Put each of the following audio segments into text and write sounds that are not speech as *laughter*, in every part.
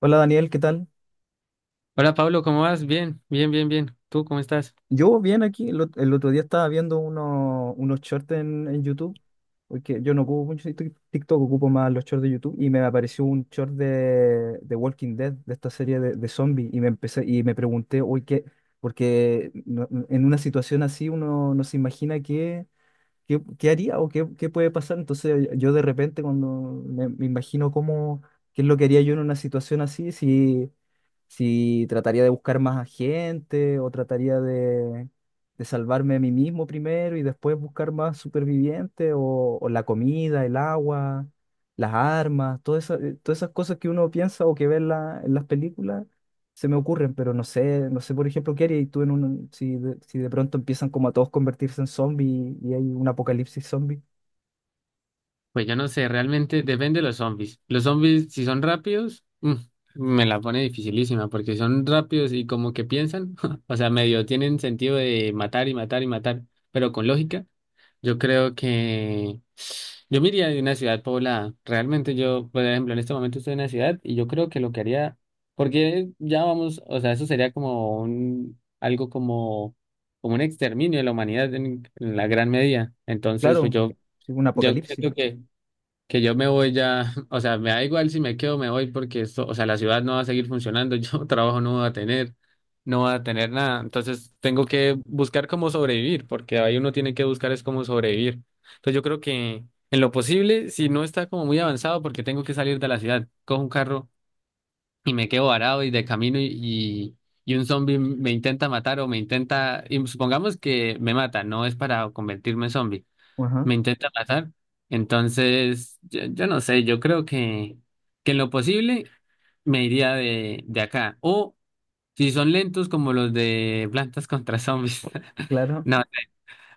Hola Daniel, ¿qué tal? Hola Pablo, ¿cómo vas? Bien, bien, bien, bien. ¿Tú cómo estás? Yo bien aquí, el otro día estaba viendo unos shorts en YouTube, porque yo no ocupo mucho TikTok, ocupo más los shorts de YouTube, y me apareció un short de Walking Dead, de esta serie de zombies, y me empecé, y me pregunté, uy, ¿qué? Porque en una situación así uno no se imagina qué, qué haría o qué, qué puede pasar, entonces yo de repente cuando me imagino cómo, qué es lo que haría yo en una situación así, si si trataría de buscar más a gente o trataría de salvarme a mí mismo primero y después buscar más supervivientes o la comida, el agua, las armas, todas esas cosas que uno piensa o que ve en las películas se me ocurren, pero no sé, no sé por ejemplo qué haría tú en un, si de, si de pronto empiezan como a todos convertirse en zombies y hay un apocalipsis zombie. Pues yo no sé, realmente depende de los zombies. Los zombies, si son rápidos, me la pone dificilísima porque son rápidos y como que piensan, *laughs* o sea, medio tienen sentido de matar y matar y matar, pero con lógica. Yo creo que yo me iría de una ciudad poblada. Realmente yo, por ejemplo, en este momento estoy en una ciudad y yo creo que lo que haría, porque ya vamos, o sea, eso sería como un exterminio de la humanidad en la gran medida. Entonces, pues Claro, yo, sí, un yo apocalipsis. creo que yo me voy ya, *laughs* o sea, me da igual si me quedo, me voy porque esto, o sea, la ciudad no va a seguir funcionando. *laughs* Yo trabajo no va a tener nada, entonces tengo que buscar cómo sobrevivir, porque ahí uno tiene que buscar es cómo sobrevivir. Entonces yo creo que en lo posible, si no está como muy avanzado, porque tengo que salir de la ciudad, cojo un carro y me quedo varado y de camino y y un zombie me intenta matar o me intenta, y supongamos que me mata, no es para convertirme en zombie, Ajá, me intenta matar. Entonces, yo, no sé, yo creo que en lo posible me iría de acá. O si son lentos como los de Plantas contra Zombies. *laughs* claro, No,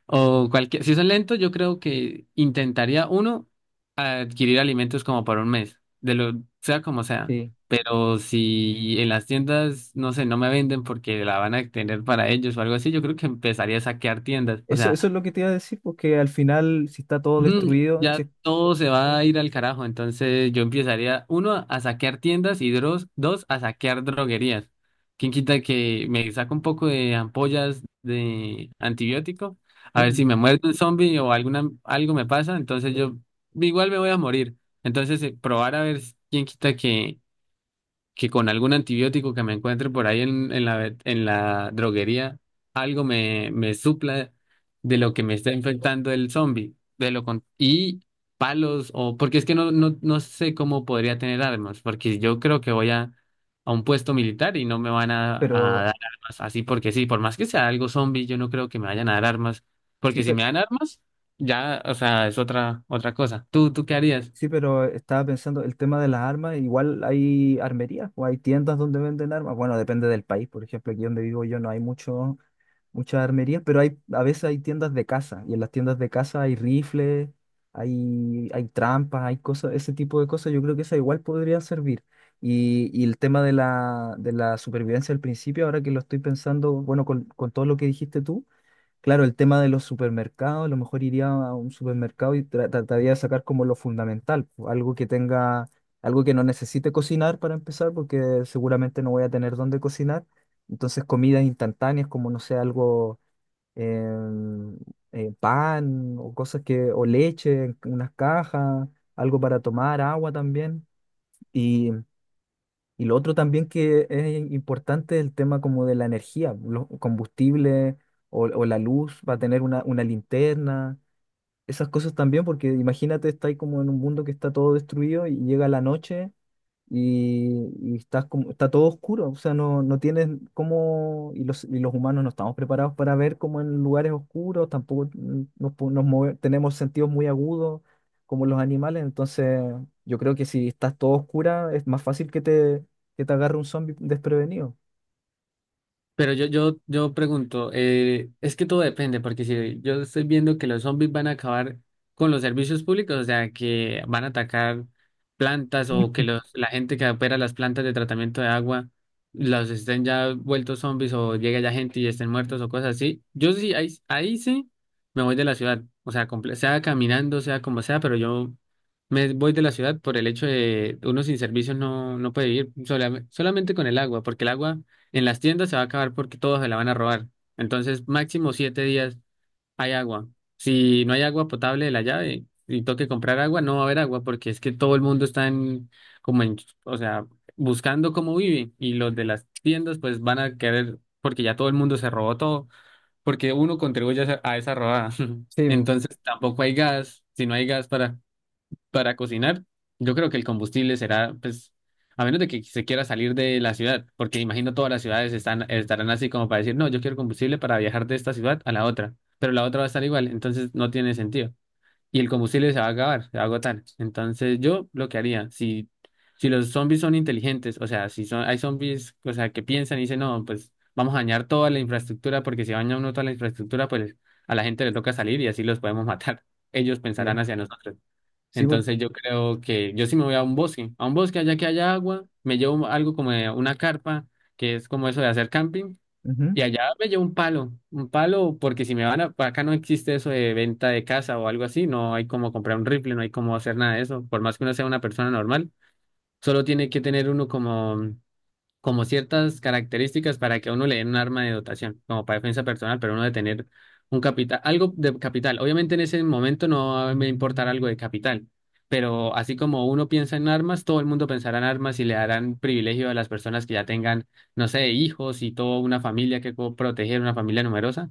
o cualquier, si son lentos, yo creo que intentaría uno adquirir alimentos como por un mes, de lo sea como sea. sí. Pero si en las tiendas, no sé, no me venden porque la van a tener para ellos o algo así, yo creo que empezaría a saquear tiendas. O Eso, sea. eso es lo que te iba a decir, porque al final, si está todo Ujú. destruido, Ya sí, todo se va sí, a ir al carajo, entonces yo empezaría, uno, a saquear tiendas y dos, a saquear droguerías. ¿Quién quita que me saca un poco de ampollas de antibiótico? A pues, ver si me muerde un zombie o algo me pasa, entonces yo igual me voy a morir. Entonces, probar a ver quién quita que con algún antibiótico que me encuentre por ahí en la droguería, algo me, supla de lo que me está infectando el zombie. Y palos, o porque es que no, no, no sé cómo podría tener armas, porque yo creo que voy a, un puesto militar y no me van a pero, dar armas así porque sí. Por más que sea algo zombie, yo no creo que me vayan a dar armas, sí, porque si pero, me dan armas, ya, o sea, es otra, otra cosa. ¿Tú qué harías? sí, pero estaba pensando, el tema de las armas, igual hay armerías o hay tiendas donde venden armas. Bueno, depende del país, por ejemplo, aquí donde vivo yo no hay mucho, muchas armerías, pero hay, a veces hay tiendas de caza y en las tiendas de caza hay rifles, hay trampas, hay cosas, ese tipo de cosas, yo creo que esa igual podría servir. Y el tema de la supervivencia al principio, ahora que lo estoy pensando, bueno, con todo lo que dijiste tú. Claro, el tema de los supermercados, a lo mejor iría a un supermercado y trataría de sacar como lo fundamental, po, algo que tenga, algo que no necesite cocinar para empezar, porque seguramente no voy a tener dónde cocinar. Entonces, comidas instantáneas como, no sé, algo, em, pan o cosas que, o leche, en unas cajas, algo para tomar, agua también. Y lo otro también que es importante es el tema como de la energía, los combustibles o la luz, va a tener una linterna, esas cosas también, porque imagínate, está ahí como en un mundo que está todo destruido y llega la noche y estás como, está todo oscuro, o sea, no, no tienes cómo, y los humanos no estamos preparados para ver como en lugares oscuros, tampoco mm, nos, tenemos sentidos muy agudos como los animales, entonces yo creo que si estás todo oscura es más fácil que te agarre un zombie desprevenido. Pero yo pregunto, es que todo depende, porque si yo estoy viendo que los zombies van a acabar con los servicios públicos, o sea, que van a atacar plantas o *laughs* que Mm. los, la gente que opera las plantas de tratamiento de agua los estén ya vueltos zombies o llegue ya gente y estén muertos o cosas así, yo sí, ahí sí me voy de la ciudad, o sea, sea caminando, sea como sea, pero yo me voy de la ciudad por el hecho de uno sin servicios no, no puede vivir solamente con el agua, porque el agua... En las tiendas se va a acabar porque todos se la van a robar. Entonces, máximo 7 días hay agua. Si no hay agua potable de la llave y toque comprar agua, no va a haber agua porque es que todo el mundo está en, como en, o sea, buscando cómo vive, y los de las tiendas pues van a querer porque ya todo el mundo se robó todo, porque uno contribuye a esa robada. *laughs* Sí, bu- Entonces, tampoco hay gas. Si no hay gas para cocinar, yo creo que el combustible será, pues, a menos de que se quiera salir de la ciudad, porque imagino todas las ciudades están, estarán así como para decir, no, yo quiero combustible para viajar de esta ciudad a la otra, pero la otra va a estar igual, entonces no tiene sentido. Y el combustible se va a acabar, se va a agotar. Entonces yo lo que haría, si los zombies son inteligentes, o sea, si son, hay zombies, o sea, que piensan y dicen, no, pues vamos a dañar toda la infraestructura, porque si daña uno toda la infraestructura, pues a la gente le toca salir y así los podemos matar. *laughs* Ellos pensarán sí, hacia nosotros. sí, Entonces yo creo que yo sí me voy a un bosque allá que haya agua, me llevo algo como de una carpa, que es como eso de hacer camping, ujú, y allá me llevo un palo, porque si me van a, acá no existe eso de venta de casa o algo así, no hay como comprar un rifle, no hay como hacer nada de eso. Por más que uno sea una persona normal, solo tiene que tener uno como ciertas características para que a uno le den un arma de dotación, como para defensa personal, pero uno de tener un capital, algo de capital. Obviamente en ese momento no va a me importar algo de capital, pero así como uno piensa en armas, todo el mundo pensará en armas y le darán privilegio a las personas que ya tengan, no sé, hijos y toda una familia que proteger, una familia numerosa.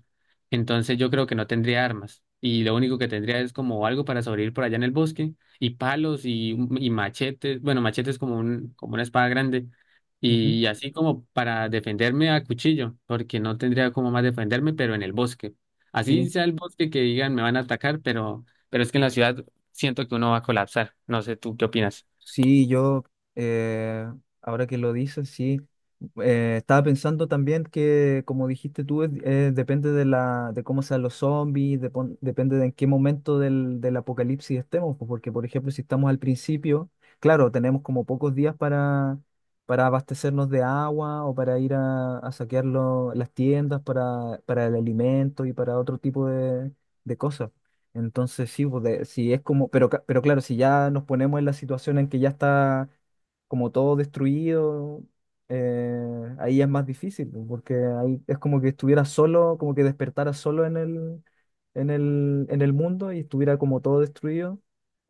Entonces yo creo que no tendría armas. Y lo único que tendría es como algo para sobrevivir por allá en el bosque, y palos y machetes, bueno, machetes como un, como una espada grande, ujú, y así como para defenderme a cuchillo, porque no tendría como más defenderme, pero en el bosque. Así sí. sea el bosque que digan me van a atacar, pero es que en la ciudad siento que uno va a colapsar. No sé, ¿tú qué opinas? Sí, yo, eh, ahora que lo dices, sí. Estaba pensando también que, como dijiste tú, depende de la, de cómo sean los zombies, depende de en qué momento del apocalipsis estemos, pues, porque, por ejemplo, si estamos al principio, claro, tenemos como pocos días para abastecernos de agua o para ir a saquear las tiendas para el alimento y para otro tipo de cosas. Entonces, sí, pues, sí, es como, pero, pero claro, si ya nos ponemos en la situación en que ya está como todo destruido, eh, ahí es más difícil, pues, porque ahí es como que estuviera solo, como que despertara solo en el mundo y estuviera como todo destruido,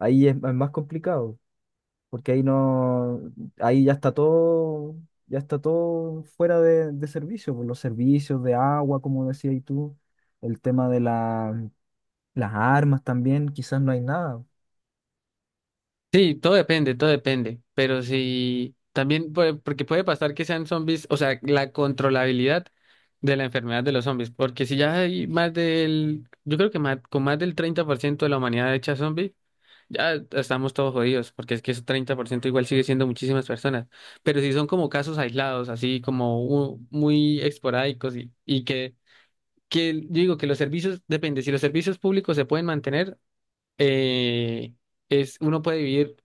ahí es más complicado, porque ahí no, ahí ya está todo fuera de servicio, pues, los servicios de agua, como decías tú, el tema de la las armas también, quizás no hay nada. Sí, todo depende, todo depende. Pero sí, también porque puede pasar que sean zombies, o sea, la controlabilidad de la enfermedad de los zombies, porque si ya hay más del, yo creo que más, con más del 30% de la humanidad hecha zombie. Ya estamos todos jodidos, porque es que ese 30% igual sigue siendo muchísimas personas. Pero si son como casos aislados, así como muy esporádicos y que yo digo que los servicios, depende, si los servicios públicos se pueden mantener, eh, es, uno puede vivir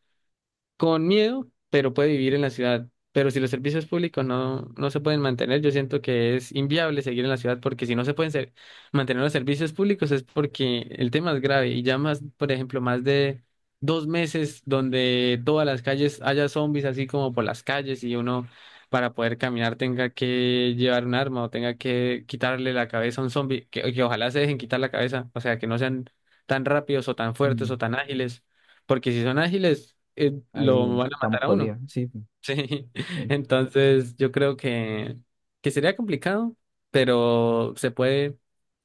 con miedo, pero puede vivir en la ciudad. Pero si los servicios públicos no, no se pueden mantener, yo siento que es inviable seguir en la ciudad, porque si no se pueden mantener los servicios públicos es porque el tema es grave, y ya más, por ejemplo, más de 2 meses donde todas las calles haya zombies así como por las calles, y uno para poder caminar tenga que llevar un arma o tenga que quitarle la cabeza a un zombie, que ojalá se dejen quitar la cabeza, o sea, que no sean tan rápidos o tan fuertes Mm, o tan ágiles, porque si son ágiles, ahí lo van a estamos matar a uno. jodidos, *laughs* sí. Sí. eh, Entonces, yo creo que sería complicado, pero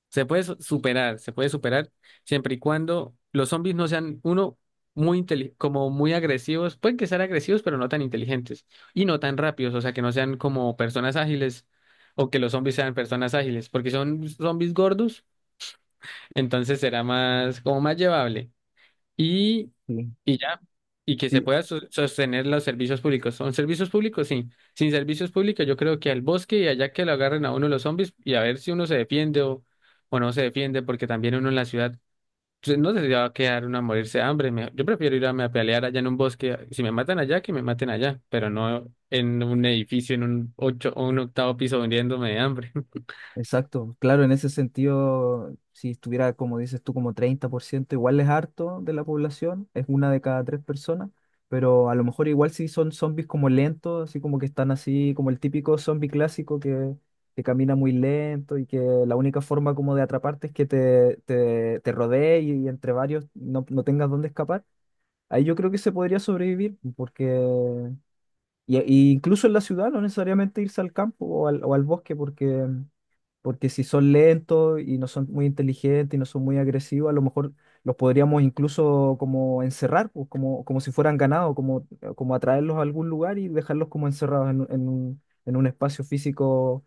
se puede superar, se puede superar siempre y cuando los zombies no sean uno como muy agresivos, pueden que sean agresivos, pero no tan inteligentes y no tan rápidos, o sea, que no sean como personas ágiles o que los zombies sean personas ágiles, porque si son zombies gordos, entonces será más como más llevable y, Sí, y ya, y que se sí, pueda sostener los servicios públicos. ¿Son servicios públicos? Sí. Sin servicios públicos, yo creo que al bosque y allá que lo agarren a uno los zombies y a ver si uno se defiende o no se defiende, porque también uno en la ciudad pues, no se va a quedar uno a morirse de hambre. Yo prefiero irme a pelear allá en un bosque. Si me matan allá, que me maten allá, pero no en un edificio, en un ocho o un octavo piso hundiéndome de hambre. exacto. Claro, en ese sentido, si estuviera, como dices tú, como 30% igual es harto de la población, es una de cada tres personas, pero a lo mejor igual si son zombies como lentos, así como que están así, como el típico zombie clásico que camina muy lento y que la única forma como de atraparte es que te rodee y, entre varios no, no tengas dónde escapar. Ahí yo creo que se podría sobrevivir, porque y incluso en la ciudad no necesariamente irse al campo o al bosque, porque, porque si son lentos y no son muy inteligentes y no son muy agresivos, a lo mejor los podríamos incluso como encerrar, pues, como, como si fueran ganado, como, como atraerlos a algún lugar y dejarlos como encerrados en un espacio físico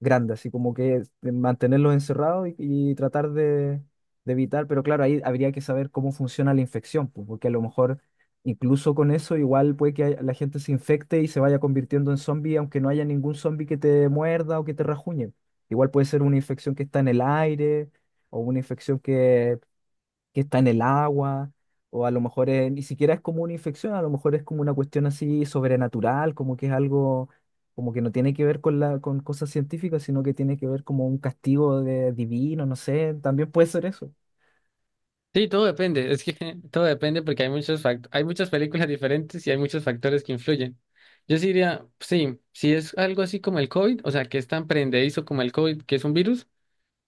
grande, así como que mantenerlos encerrados y tratar de evitar, pero claro, ahí habría que saber cómo funciona la infección, pues, porque a lo mejor incluso con eso igual puede la gente se infecte y se vaya convirtiendo en zombie, aunque no haya ningún zombie que te muerda o que te rajuñe. Igual puede ser una infección que está en el aire o una infección que está en el agua, o a lo mejor ni siquiera es como una infección, a lo mejor es como una cuestión así sobrenatural, como que es algo como que no tiene que ver con la, con cosas científicas, sino que tiene que ver como un castigo de, divino, no sé, también puede ser eso. Sí, todo depende, es que *laughs* todo depende porque hay muchas películas diferentes y hay muchos factores que influyen. Yo sí diría, sí, si es algo así como el COVID, o sea, que es tan prendedizo como el COVID, que es un virus,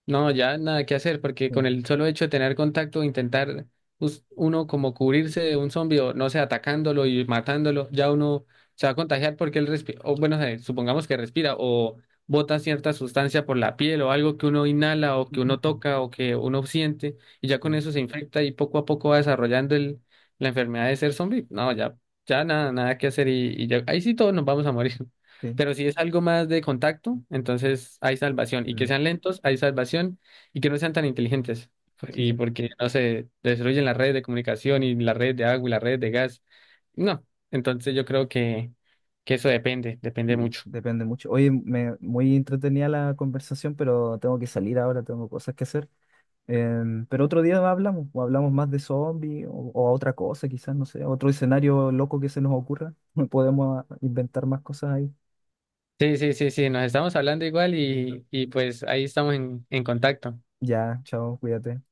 no, ya nada que hacer, porque con Sí, el solo hecho de tener contacto, intentar uno como cubrirse de un zombie o no sé, atacándolo y matándolo, ya uno se va a contagiar porque él respira, o bueno, supongamos que respira o bota cierta sustancia por la piel o algo que uno inhala o que uno *laughs* toca o que uno siente, y ya con sí, eso se infecta y poco a poco va desarrollando la enfermedad de ser zombie. No, ya, ya nada, nada que hacer y ya, ahí sí todos nos vamos a morir. sí, Pero si es algo más de contacto, entonces hay salvación. Y que mm, sean lentos, hay salvación. Y que no sean tan inteligentes. Y sí, porque, no se destruyen las redes de comunicación y las redes de agua y las redes de gas. No. Entonces yo creo que eso depende, depende sí, mucho. depende mucho. Oye, me, muy entretenida la conversación, pero tengo que salir ahora, tengo cosas que hacer. Pero otro día hablamos, o hablamos más de zombies, o a otra cosa, quizás, no sé, otro escenario loco que se nos ocurra. *laughs* Podemos inventar más cosas ahí. Sí, sí, sí, sí, nos estamos hablando igual y pues ahí estamos en contacto. Ya, chao, cuídate.